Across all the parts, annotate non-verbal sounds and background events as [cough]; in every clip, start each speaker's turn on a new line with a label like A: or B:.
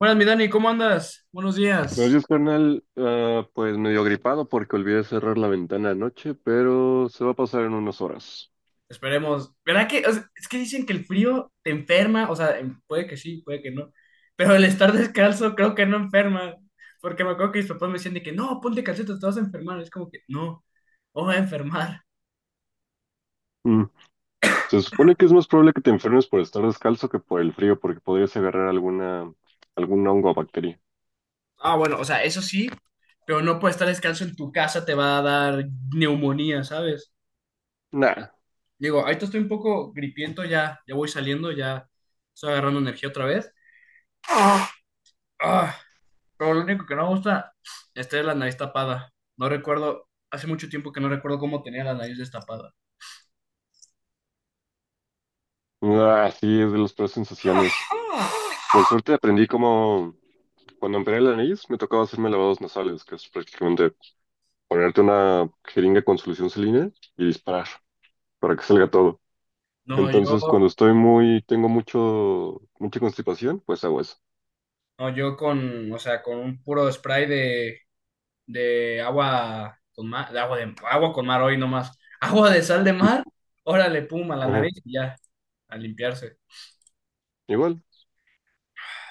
A: Buenas, mi Dani, ¿cómo andas? Buenos
B: Buenos
A: días.
B: días, carnal. Ah, pues medio gripado porque olvidé cerrar la ventana anoche, pero se va a pasar en unas horas.
A: Esperemos. ¿Verdad que? Es que dicen que el frío te enferma. O sea, puede que sí, puede que no. Pero el estar descalzo creo que no enferma. Porque me acuerdo que mis papás me decían de que no, ponte calcetas, te vas a enfermar. Es como que no, no voy a enfermar.
B: Mm. Se supone que es más probable que te enfermes por estar descalzo que por el frío, porque podrías agarrar algún hongo o bacteria.
A: Ah, bueno, o sea, eso sí, pero no por estar descalzo en tu casa te va a dar neumonía, ¿sabes?
B: Nah.
A: Digo, ahorita estoy un poco gripiento, ya, voy saliendo, ya estoy agarrando energía otra vez. Ah. Pero lo único que no me gusta es tener la nariz tapada. No recuerdo, hace mucho tiempo que no recuerdo cómo tenía la nariz destapada.
B: Ah, sí, es de las peores sensaciones. Por suerte aprendí cómo, cuando operé la nariz, me tocaba hacerme lavados nasales, que es prácticamente ponerte una jeringa con solución salina y disparar para que salga todo.
A: No,
B: Entonces, cuando
A: yo,
B: tengo mucha constipación, pues hago eso.
A: no, yo con, o sea, con un puro spray de, agua con mar, de agua con mar hoy nomás. [laughs] Agua de sal de
B: Mm,
A: mar, órale, pum, a la
B: ajá,
A: nariz y ya, a limpiarse.
B: igual.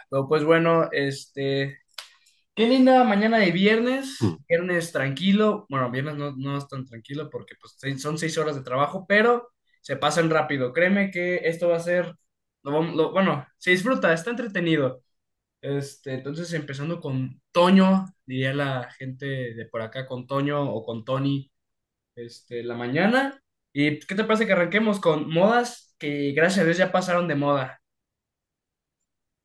A: Pero pues bueno, qué linda mañana de viernes,
B: Mm.
A: viernes tranquilo, bueno, viernes no, no es tan tranquilo porque pues, son seis horas de trabajo, pero se pasan rápido. Créeme que esto va a ser, bueno, se disfruta, está entretenido. Entonces, empezando con Toño, diría la gente de por acá, con Toño o con Tony, la mañana. ¿Y pues, qué te parece que arranquemos con modas que gracias a Dios ya pasaron de moda?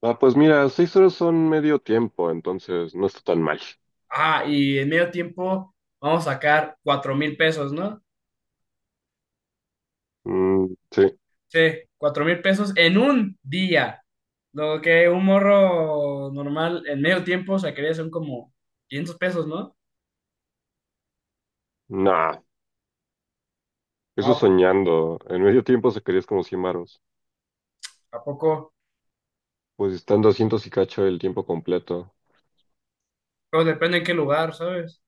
B: Ah, pues mira, seis horas son medio tiempo, entonces no está tan mal.
A: Ah, y en medio tiempo vamos a sacar 4000 pesos, ¿no?
B: Mm, sí,
A: Sí, 4000 pesos en un día. Lo que un morro normal en medio tiempo sacaría son como 500 pesos, ¿no?
B: nah, eso
A: No, pues,
B: soñando. En medio tiempo se querías como 100 varos.
A: ¿a poco?
B: Pues están doscientos y cacho el tiempo completo.
A: Pero depende en qué lugar, ¿sabes?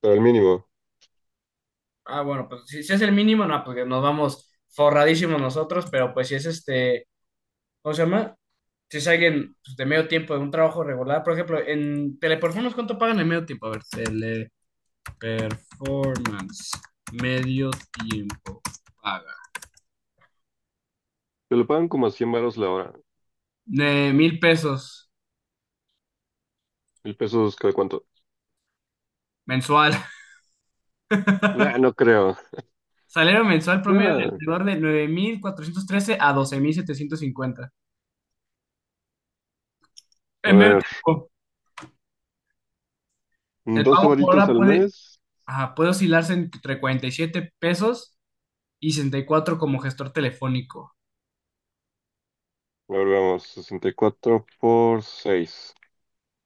B: Pero el mínimo,
A: Ah, bueno, pues si es el mínimo, no, porque nos vamos forradísimos nosotros, pero pues si es ¿cómo se llama? Si es alguien pues, de medio tiempo, de un trabajo regular, por ejemplo, en Teleperformance, ¿cuánto pagan en medio tiempo? A ver, Teleperformance, medio tiempo paga.
B: te lo pagan como a 100 varos la hora.
A: De 1000 pesos.
B: ¿Mil pesos cada cuánto?
A: Mensual. [laughs]
B: Nah, no creo.
A: Salario mensual promedio de
B: Nah,
A: alrededor de 9413 a 12750.
B: a
A: En medio
B: ver,
A: tiempo, el
B: 12
A: pago por
B: varitos
A: hora
B: al
A: puede,
B: mes.
A: ajá, puede oscilarse entre 47 pesos y 64 como gestor telefónico.
B: A ver, vamos, 64 por 6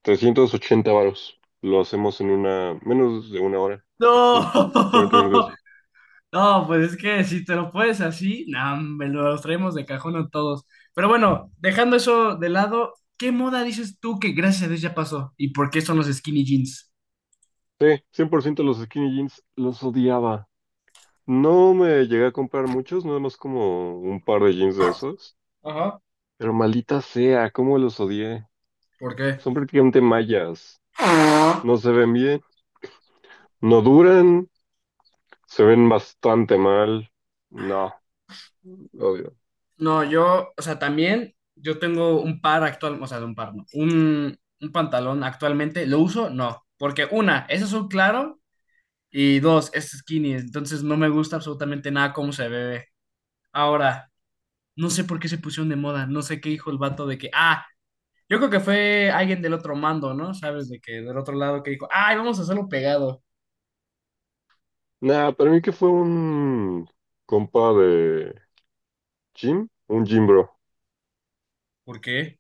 B: 380 varos. Lo hacemos en menos de una hora,
A: No,
B: en 40 minutos.
A: [laughs] no, pues es que si te lo puedes así, nah, me los traemos de cajón a todos. Pero bueno, dejando eso de lado, ¿qué moda dices tú que gracias a Dios ya pasó? ¿Y por qué son los skinny jeans?
B: Sí, cien por ciento los skinny jeans los odiaba. No me llegué a comprar muchos, nada más como un par de jeans de esos.
A: Ajá,
B: Pero maldita sea, cómo los odié.
A: ¿por qué?
B: Son prácticamente mallas. No
A: [laughs]
B: se ven bien, no duran, se ven bastante mal. No, odio.
A: No, yo, o sea, también yo tengo un par actual, o sea, de un par, no, un, pantalón actualmente, ¿lo uso? No, porque una, es azul claro y dos, es skinny, entonces no me gusta absolutamente nada cómo se ve. Ahora, no sé por qué se pusieron de moda, no sé qué dijo el vato de que, ah, yo creo que fue alguien del otro mando, ¿no? ¿Sabes? De que del otro lado que dijo, ay, vamos a hacerlo pegado.
B: Nada, para mí que fue un compa de gym, un gym bro,
A: ¿Por qué?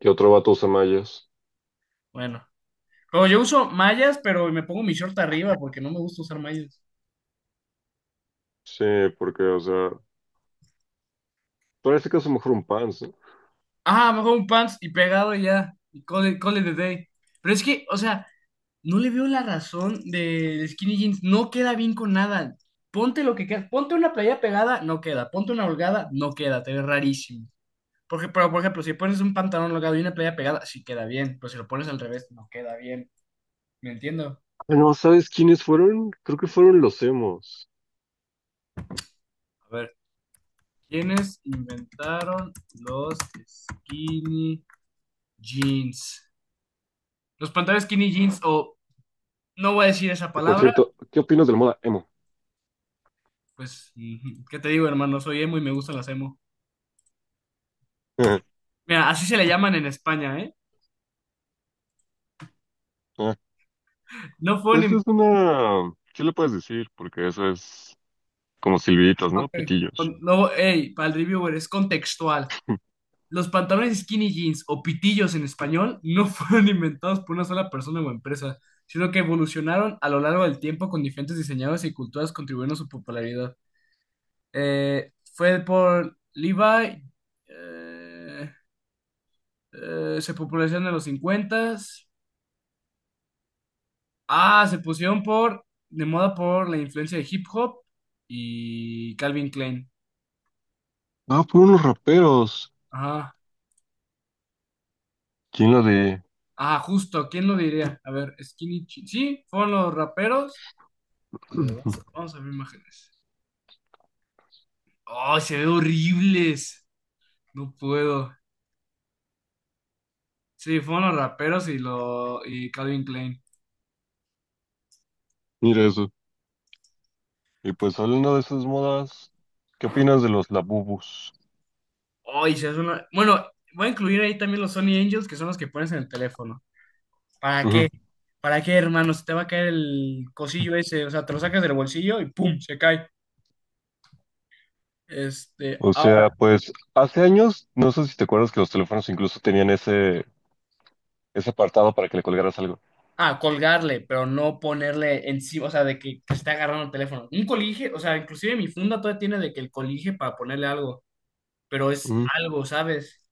B: que otro vato usa mallas.
A: Bueno, pero yo uso mallas, pero me pongo mi short arriba porque no me gusta usar mallas.
B: Sí, porque, o sea, parece que es mejor un Pans, ¿no?
A: Ah, mejor un pants y pegado y ya. Y call it a day. Pero es que, o sea, no le veo la razón del skinny jeans. No queda bien con nada. Ponte lo que quieras. Ponte una playa pegada, no queda. Ponte una holgada, no queda. Te ve rarísimo. Porque, pero, por ejemplo, si pones un pantalón holgado y una playa pegada, sí queda bien. Pero si lo pones al revés, no queda bien. ¿Me entiendo?
B: Ah, no, ¿sabes quiénes fueron? Creo que fueron los emos.
A: A ver, ¿quiénes inventaron los skinny jeans? Los pantalones skinny jeans, o no voy a decir esa
B: Que por
A: palabra.
B: cierto, ¿qué opinas de la moda emo?
A: Pues, ujú, ¿qué te digo, hermano? Soy emo y me gustan las emo.
B: [laughs]
A: Mira, así se le llaman en España, ¿eh?
B: Ah,
A: No fue
B: pues
A: un...
B: es una ¿Qué le puedes decir? Porque eso es como silbiditas, ¿no?
A: Ok.
B: Pitillos.
A: No, hey, para el reviewer, es contextual.
B: [laughs]
A: Los pantalones skinny jeans o pitillos en español no [laughs] fueron inventados por una sola persona o empresa, sino que evolucionaron a lo largo del tiempo con diferentes diseñadores y culturas contribuyendo a su popularidad. Fue por Levi, eh, se popularizó en los 50s. Ah, de moda por la influencia de hip hop y Calvin Klein.
B: Ah, fueron los raperos.
A: Ajá.
B: ¿Quién lo de...?
A: Ah, justo, ¿quién lo diría? A ver, sí, fueron los raperos. A ver, vamos, a
B: [clears throat]
A: vamos a ver imágenes. ¡Ay, se ve horribles! No puedo. Sí, fueron los raperos y Calvin Klein.
B: [laughs] Mira eso. Y pues hablando de esas modas, ¿qué opinas de los labubus?
A: ¡Ay, se hace una. Bueno, voy a incluir ahí también los Sony Angels, que son los que pones en el teléfono. ¿Para
B: Ujú.
A: qué? ¿Para qué, hermano? Se te va a caer el cosillo ese, o sea, te lo sacas del bolsillo y ¡pum! Se cae. Este,
B: O
A: ah,
B: sea, pues hace años, no sé si te acuerdas que los teléfonos incluso tenían ese apartado para que le colgaras algo.
A: ah, colgarle, pero no ponerle encima, o sea, de que esté agarrando el teléfono. Un colige, o sea, inclusive mi funda todavía tiene de que el colige para ponerle algo, pero es
B: Mm.
A: algo, ¿sabes?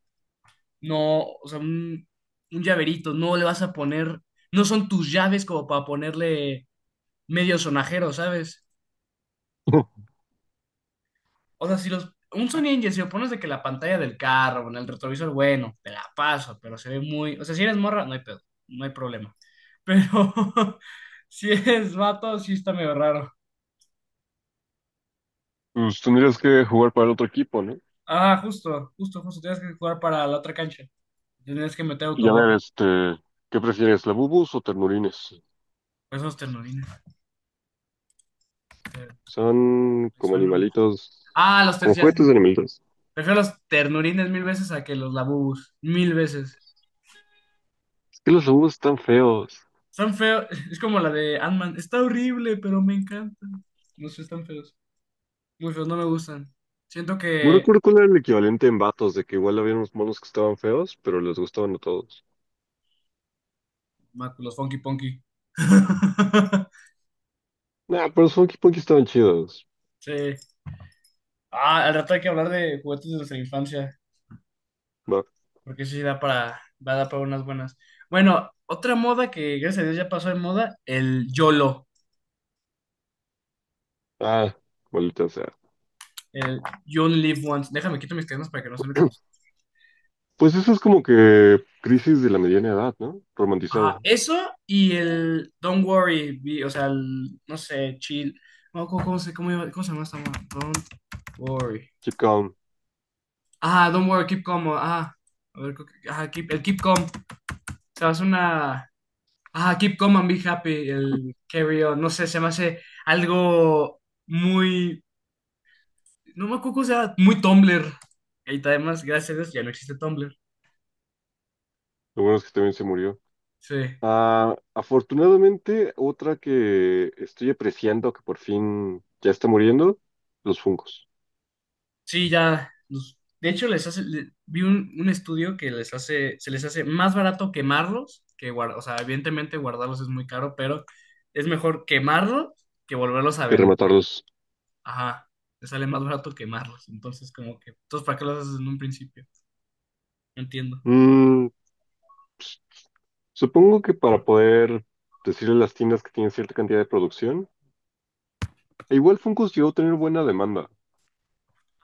A: No, o sea, un llaverito, no le vas a poner, no son tus llaves como para ponerle medio sonajero, ¿sabes?
B: [laughs]
A: O sea, si los. Un Sony Engine, si lo pones de que la pantalla del carro, en el retrovisor, bueno, te la paso, pero se ve muy. O sea, si eres morra, no hay pedo, no hay problema. Pero [laughs] si eres vato, sí está medio raro.
B: Pues tendrías que jugar para el otro equipo, ¿no?
A: Ah, justo, justo, justo. Tienes que jugar para la otra cancha. Tienes que meter
B: Y a
A: autogol.
B: ver, este, ¿qué prefieres, labubus o ternurines?
A: Esos ternurines. te-
B: Son
A: te
B: como
A: suenan.
B: animalitos,
A: Ah, los
B: como
A: tercias.
B: juguetes de animalitos.
A: Prefiero los ternurines mil veces a que los labubus. 1000 veces.
B: Es que los labubus están feos.
A: Están feos. [laughs] Es como la de Ant-Man. Está horrible, pero me encanta. No sé, están feos. Muy feos, no me gustan. Siento
B: No
A: que...
B: recuerdo cuál era el equivalente en vatos, de que igual había unos monos que estaban feos, pero les gustaban a todos.
A: Máculos, funky punky. [laughs]
B: Nah, pero son equipos que estaban chidos.
A: Sí. Ah, al rato hay que hablar de juguetes de nuestra infancia,
B: Va.
A: porque eso sí da para, va a dar para unas buenas. Bueno, otra moda que gracias a Dios ya pasó de moda, el YOLO,
B: Ah, maldita sea.
A: el You Only Live Once. Déjame quito mis cadenas para que no se me conozcan.
B: [clears throat] Pues eso es como que crisis de la mediana edad, ¿no? Romantizado.
A: Ajá, eso y el Don't Worry, be- o sea, el, no sé, chill. No, ¿cómo se llama esta moda? Don't Worry.
B: Keep calm.
A: Ah, don't worry, keep calm. Ah, a ver, creo que- ah, keep, el keep calm. Se me hace una. Ah, keep calm and be happy. El carry on. No sé, se me hace algo muy. No me acuerdo, o sea, muy Tumblr. Y además, gracias a Dios, ya no existe Tumblr.
B: Lo bueno es que también se murió.
A: Sí.
B: Ah, afortunadamente, otra que estoy apreciando que por fin ya está muriendo, los fungos.
A: Sí, De hecho, vi un estudio que les hace. Se les hace más barato quemarlos que guardar. O sea, evidentemente guardarlos es muy caro, pero es mejor quemarlos que volverlos a
B: Que
A: vender.
B: rematarlos.
A: Ajá, te sale más barato quemarlos. Entonces, como que, entonces, ¿para qué los haces en un principio? No entiendo.
B: Mm, supongo que para poder decirle a las tiendas que tienen cierta cantidad de producción, e igual fungos llegó a tener buena demanda,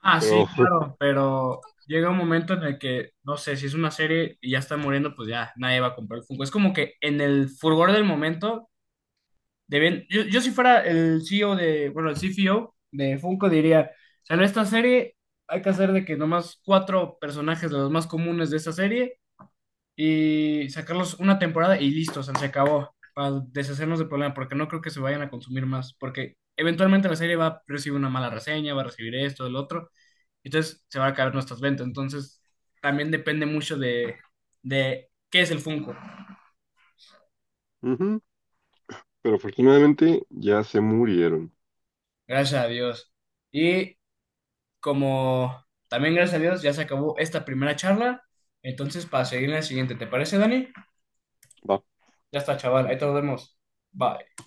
A: Ah, sí,
B: pero, [laughs]
A: claro, pero llega un momento en el que, no sé, si es una serie y ya está muriendo, pues ya nadie va a comprar el Funko. Es como que en el furgor del momento, deben, yo si fuera el CEO de, bueno, el CFO de Funko diría, sale esta serie, hay que hacer de que nomás cuatro personajes de los más comunes de esta serie y sacarlos una temporada y listo, o sea, se acabó, para deshacernos del problema, porque no creo que se vayan a consumir más, porque eventualmente la serie va a recibir una mala reseña, va a recibir esto, el otro, entonces se van a caer nuestras ventas, entonces también depende mucho de qué es el Funko,
B: ujú, pero afortunadamente ya se murieron.
A: gracias a Dios. Y como también gracias a Dios ya se acabó esta primera charla, entonces para seguir en la siguiente, ¿te parece, Dani?
B: Va.
A: Ya está, chaval, ahí te nos vemos. Bye.